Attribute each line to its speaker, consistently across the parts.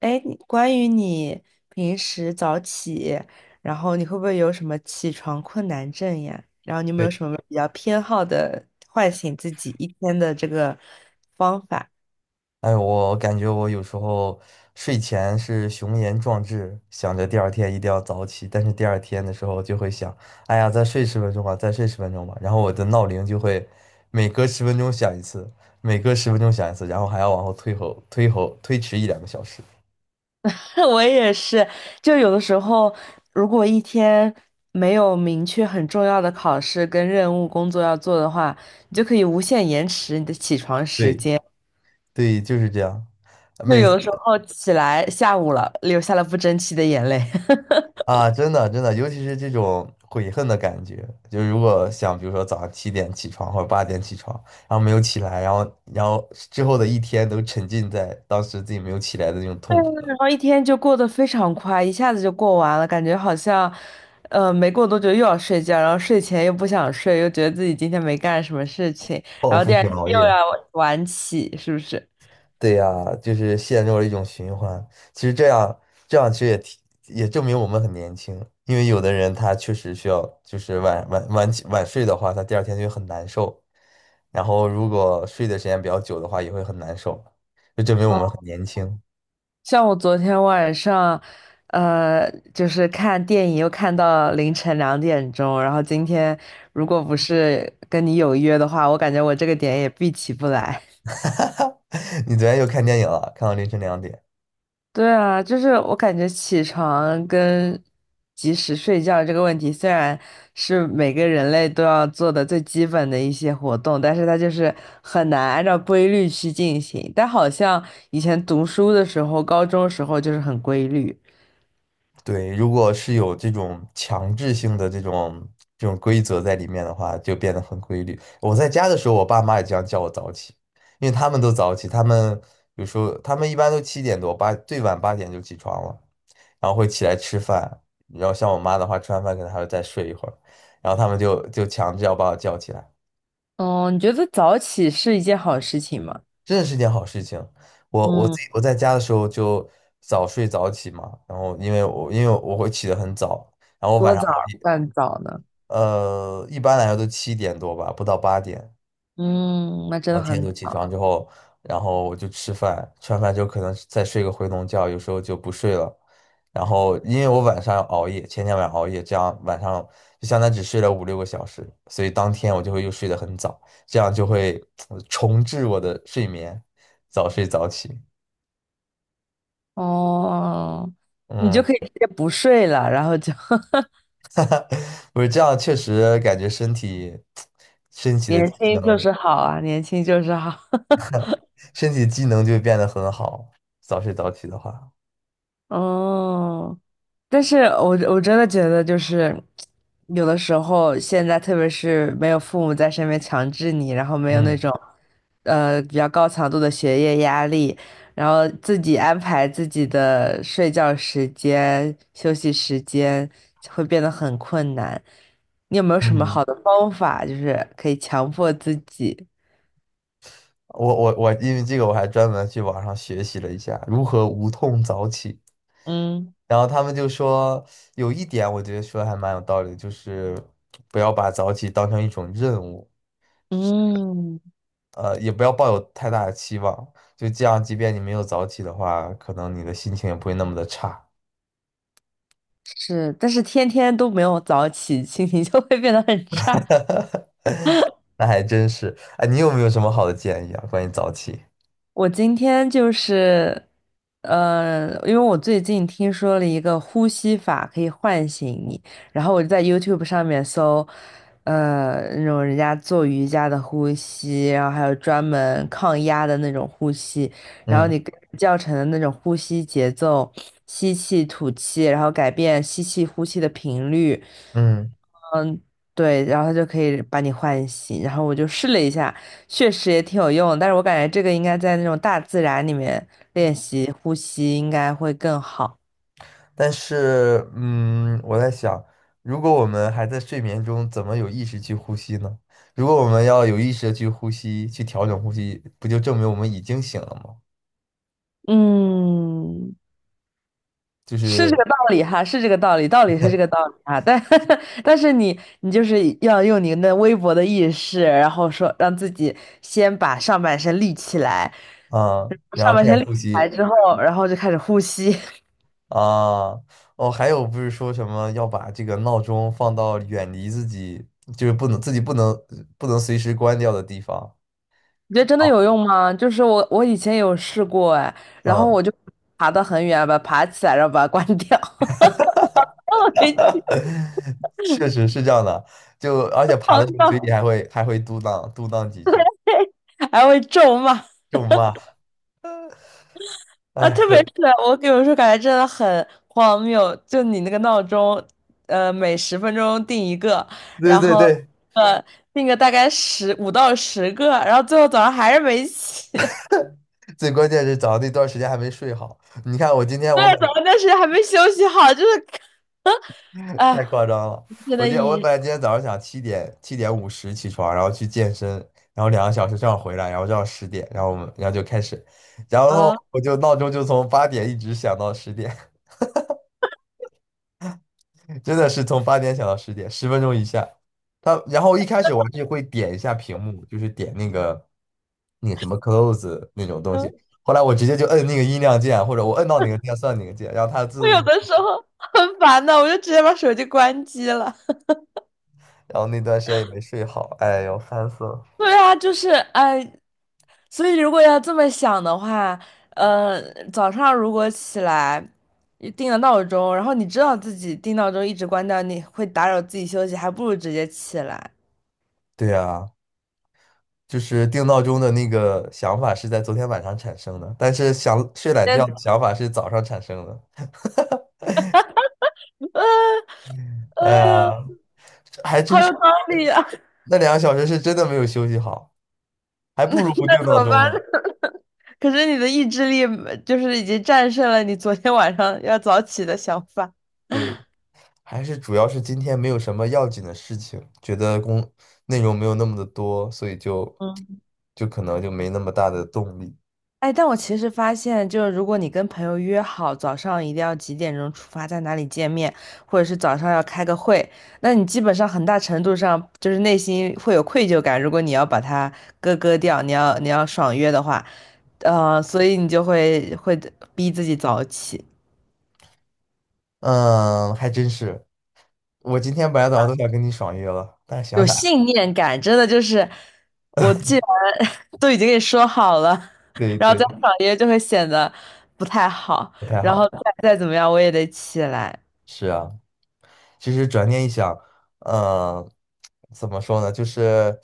Speaker 1: 哎，关于你平时早起，然后你会不会有什么起床困难症呀？然后你有没有
Speaker 2: 对，
Speaker 1: 什么比较偏好的唤醒自己一天的这个方法？
Speaker 2: 哎，我感觉我有时候睡前是雄言壮志，想着第二天一定要早起，但是第二天的时候就会想，哎呀，再睡十分钟吧，再睡十分钟吧，然后我的闹铃就会每隔十分钟响一次，然后还要往后推迟一两个小时。
Speaker 1: 我也是，就有的时候，如果一天没有明确很重要的考试跟任务工作要做的话，你就可以无限延迟你的起床时
Speaker 2: 对
Speaker 1: 间。
Speaker 2: 对，就是这样，
Speaker 1: 就
Speaker 2: 每
Speaker 1: 有
Speaker 2: 次
Speaker 1: 的时候起来下午了，流下了不争气的眼泪。
Speaker 2: 啊，真的真的，尤其是这种悔恨的感觉，就是如果想，比如说早上七点起床或者八点起床，然后没有起来，然后之后的一天都沉浸在当时自己没有起来的那种痛苦的
Speaker 1: 然后一天就过得非常快，一下子就过完了，感觉好像，没过多久又要睡觉，然后睡前又不想睡，又觉得自己今天没干什么事情，
Speaker 2: 报
Speaker 1: 然后
Speaker 2: 复
Speaker 1: 第二
Speaker 2: 性
Speaker 1: 天
Speaker 2: 熬
Speaker 1: 又
Speaker 2: 夜。
Speaker 1: 要晚起，是不是？
Speaker 2: 对呀，就是陷入了一种循环。其实这样其实也证明我们很年轻，因为有的人他确实需要，就是晚起晚睡的话，他第二天就会很难受，然后如果睡的时间比较久的话，也会很难受，就证明我们很年轻。
Speaker 1: 像我昨天晚上，就是看电影又看到凌晨2点钟，然后今天如果不是跟你有约的话，我感觉我这个点也必起不来。
Speaker 2: 哈哈，你昨天又看电影了，看到凌晨2点。
Speaker 1: 对啊，就是我感觉起床跟及时睡觉这个问题，虽然是每个人类都要做的最基本的一些活动，但是它就是很难按照规律去进行。但好像以前读书的时候，高中的时候就是很规律。
Speaker 2: 对，如果是有这种强制性的这种规则在里面的话，就变得很规律。我在家的时候，我爸妈也经常叫我早起，因为他们都早起，他们有时候他们一般都七点多，最晚八点就起床了，然后会起来吃饭。然后像我妈的话，吃完饭可能还要再睡一会儿，然后他们就强制要把我叫起来。
Speaker 1: 哦，你觉得早起是一件好事情吗？
Speaker 2: 真的是件好事情。我我自己
Speaker 1: 嗯。
Speaker 2: 我在家的时候就早睡早起嘛，然后因为我会起得很早，然后晚
Speaker 1: 多
Speaker 2: 上
Speaker 1: 早
Speaker 2: 熬夜，
Speaker 1: 算早呢？
Speaker 2: 一般来说都七点多吧，不到八点，
Speaker 1: 嗯，那真
Speaker 2: 然
Speaker 1: 的
Speaker 2: 后天
Speaker 1: 很
Speaker 2: 都起
Speaker 1: 早。
Speaker 2: 床之后，然后我就吃饭，吃完饭之后可能再睡个回笼觉，有时候就不睡了。然后因为我晚上熬夜，前天晚上熬夜，这样晚上就相当于只睡了五六个小时，所以当天我就会又睡得很早，这样就会 重置我的睡眠，早睡早起。
Speaker 1: 哦，你就
Speaker 2: 嗯，
Speaker 1: 可以直接不睡了，然后就
Speaker 2: 不是这样，确实感觉身 体的
Speaker 1: 年
Speaker 2: 机
Speaker 1: 轻就
Speaker 2: 能，
Speaker 1: 是好啊，年轻就是好。
Speaker 2: 身体机能就会变得很好。早睡早起的话，
Speaker 1: 哦，但是我真的觉得，就是有的时候，现在特别是没有父母在身边强制你，然后没有那
Speaker 2: 嗯
Speaker 1: 种比较高强度的学业压力，然后自己安排自己的睡觉时间、休息时间，会变得很困难。你有没有什么
Speaker 2: 嗯，
Speaker 1: 好的方法，就是可以强迫自己？
Speaker 2: 我，因为这个我还专门去网上学习了一下如何无痛早起。
Speaker 1: 嗯。
Speaker 2: 然后他们就说有一点，我觉得说得还蛮有道理的就是不要把早起当成一种任务，
Speaker 1: 嗯，
Speaker 2: 也不要抱有太大的期望。就这样，即便你没有早起的话，可能你的心情也不会那么的差。
Speaker 1: 是，但是天天都没有早起，心情就会变得很差。
Speaker 2: 那还真是。哎，你有没有什么好的建议啊？关于早起？
Speaker 1: 我今天就是，因为我最近听说了一个呼吸法可以唤醒你，然后我就在 YouTube 上面搜，那种人家做瑜伽的呼吸，然后还有专门抗压的那种呼吸，然后
Speaker 2: 嗯
Speaker 1: 你跟着教程的那种呼吸节奏，吸气吐气，然后改变吸气呼气的频率。
Speaker 2: 嗯，
Speaker 1: 对，然后它就可以把你唤醒。然后我就试了一下，确实也挺有用的，但是我感觉这个应该在那种大自然里面练习呼吸，应该会更好。
Speaker 2: 但是我在想，如果我们还在睡眠中，怎么有意识去呼吸呢？如果我们要有意识的去呼吸，去调整呼吸，不就证明我们已经醒了吗？
Speaker 1: 嗯，
Speaker 2: 就
Speaker 1: 是
Speaker 2: 是
Speaker 1: 这个道理哈，是这个道理，道理是这个道理哈。但 但是你就是要用你那微薄的意识，然后说让自己先把上半身立起来，
Speaker 2: 啊，然
Speaker 1: 上
Speaker 2: 后
Speaker 1: 半
Speaker 2: 开
Speaker 1: 身
Speaker 2: 始
Speaker 1: 立
Speaker 2: 呼
Speaker 1: 起来
Speaker 2: 吸
Speaker 1: 之后，然后就开始呼吸。
Speaker 2: 啊。哦，还有不是说什么要把这个闹钟放到远离自己，就是不能自己不能不能随时关掉的地方。
Speaker 1: 你觉得真的有用吗？就是我以前有试过哎，然后
Speaker 2: 嗯，
Speaker 1: 我就爬得很远，把它爬起来，然后把它关掉，然后回去
Speaker 2: 确实是这样的，就而且爬
Speaker 1: 床
Speaker 2: 的时候嘴
Speaker 1: 上
Speaker 2: 里还会嘟囔嘟囔几句，
Speaker 1: 还会咒骂
Speaker 2: 咒骂，
Speaker 1: 啊！
Speaker 2: 哎，
Speaker 1: 特 别是我有时说，感觉真的很荒谬，就你那个闹钟，每10分钟定一个，
Speaker 2: 对
Speaker 1: 然
Speaker 2: 对
Speaker 1: 后
Speaker 2: 对，
Speaker 1: 呃定个大概15到10个，然后最后早上还是没起，对，
Speaker 2: 最关键是早上那段时间还没睡好。你看我今天我
Speaker 1: 早
Speaker 2: 本
Speaker 1: 上但是还没休息好，就是 啊，
Speaker 2: 太夸张了，
Speaker 1: 真
Speaker 2: 我
Speaker 1: 的
Speaker 2: 今天我
Speaker 1: 意义
Speaker 2: 本来今天早上想7:50起床，然后去健身，然后两个小时这样回来，然后这样十点，然后我们就开始，然后
Speaker 1: 嗯。
Speaker 2: 我就闹钟就从八点一直响到十点。真的是从八点想到十点，十分钟以下。他然后一开始我还是会点一下屏幕，就是点那个什么 close 那种东西。后来我直接就摁那个音量键，或者我摁到哪个键算哪个键，然后它自
Speaker 1: 我有
Speaker 2: 动，
Speaker 1: 的时候很烦的，我就直接把手机关机了。
Speaker 2: 然后那段时间也没睡好，哎呦，烦死了。
Speaker 1: 对啊，就是哎，所以如果要这么想的话，呃，早上如果起来定了闹钟，然后你知道自己定闹钟一直关掉，你会打扰自己休息，还不如直接起来。
Speaker 2: 对呀，就是定闹钟的那个想法是在昨天晚上产生的，但是想睡懒觉的
Speaker 1: 但
Speaker 2: 想法是早上产生的。哎
Speaker 1: 哎呦，
Speaker 2: 呀，还
Speaker 1: 好
Speaker 2: 真
Speaker 1: 有
Speaker 2: 是，
Speaker 1: 道理啊！
Speaker 2: 那两个小时是真的没有休息好，还不如不定
Speaker 1: 怎
Speaker 2: 闹
Speaker 1: 么
Speaker 2: 钟
Speaker 1: 办
Speaker 2: 呢。
Speaker 1: 呢，可是你的意志力就是已经战胜了你昨天晚上要早起的想法。
Speaker 2: 对，还是主要是今天没有什么要紧的事情，觉得内容没有那么的多，所以就
Speaker 1: 嗯。
Speaker 2: 就可能就没那么大的动力。
Speaker 1: 哎，但我其实发现，就是如果你跟朋友约好早上一定要几点钟出发，在哪里见面，或者是早上要开个会，那你基本上很大程度上就是内心会有愧疚感。如果你要把它割掉，你要你要爽约的话，呃，所以你就会逼自己早起，
Speaker 2: 嗯，还真是，我今天本来早上都想跟你爽约了，但是想
Speaker 1: 有
Speaker 2: 想，
Speaker 1: 信念感，真的就是我既然 都已经跟你说好了，
Speaker 2: 对
Speaker 1: 然后再
Speaker 2: 对，
Speaker 1: 爽约就会显得不太好，
Speaker 2: 不太
Speaker 1: 然后
Speaker 2: 好。
Speaker 1: 再怎么样我也得起来。
Speaker 2: 是啊，其实转念一想，嗯，怎么说呢，就是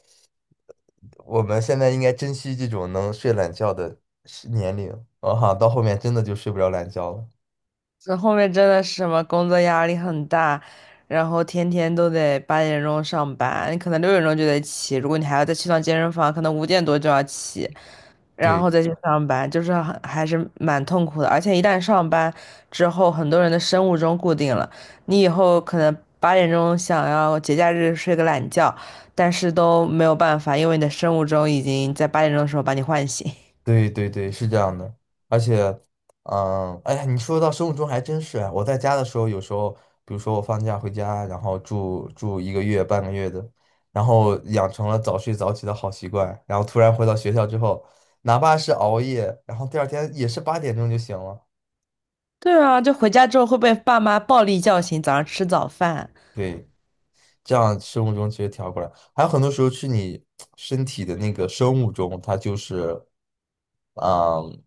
Speaker 2: 我们现在应该珍惜这种能睡懒觉的年龄，我哈，到后面真的就睡不着懒觉了。
Speaker 1: 这后面真的是什么工作压力很大，然后天天都得八点钟上班，你可能六点钟就得起，如果你还要再去趟健身房，可能5点多就要起，然
Speaker 2: 对。
Speaker 1: 后再去上班，就是很还是蛮痛苦的。而且一旦上班之后，很多人的生物钟固定了，你以后可能八点钟想要节假日睡个懒觉，但是都没有办法，因为你的生物钟已经在八点钟的时候把你唤醒。
Speaker 2: 对对对，是这样的，而且，嗯，哎呀，你说到生物钟还真是啊。我在家的时候，有时候，比如说我放假回家，然后住一个月、半个月的，然后养成了早睡早起的好习惯，然后突然回到学校之后，哪怕是熬夜，然后第二天也是8点钟就醒了。
Speaker 1: 对啊，就回家之后会被爸妈暴力叫醒，早上吃早饭。
Speaker 2: 对，这样生物钟其实调过来，还有很多时候是你身体的那个生物钟，它就是。嗯，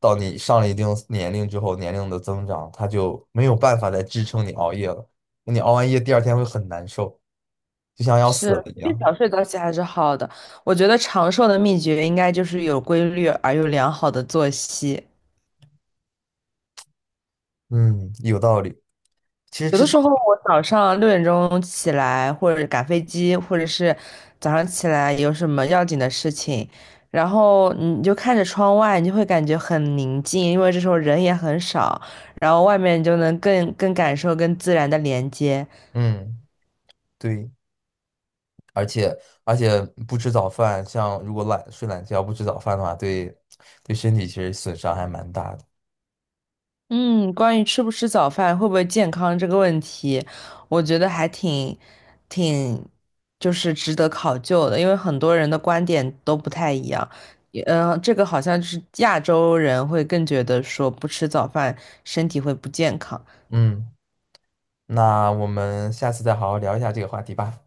Speaker 2: 到你上了一定年龄之后，年龄的增长，它就没有办法再支撑你熬夜了。你熬完夜，第二天会很难受，就像要死
Speaker 1: 是，
Speaker 2: 了一
Speaker 1: 越
Speaker 2: 样。
Speaker 1: 早睡早起还是好的。我觉得长寿的秘诀应该就是有规律而又良好的作息。
Speaker 2: 嗯，有道理。其实
Speaker 1: 有的时候我早上六点钟起来，或者赶飞机，或者是早上起来有什么要紧的事情，然后你就看着窗外，你就会感觉很宁静，因为这时候人也很少，然后外面你就能更感受跟自然的连接。
Speaker 2: 嗯，对，而且而且不吃早饭，像如果懒睡懒觉不吃早饭的话，对身体其实损伤还蛮大的。
Speaker 1: 嗯，关于吃不吃早饭会不会健康这个问题，我觉得还挺就是值得考究的，因为很多人的观点都不太一样。嗯，这个好像就是亚洲人会更觉得说不吃早饭身体会不健康。
Speaker 2: 嗯，那我们下次再好好聊一下这个话题吧。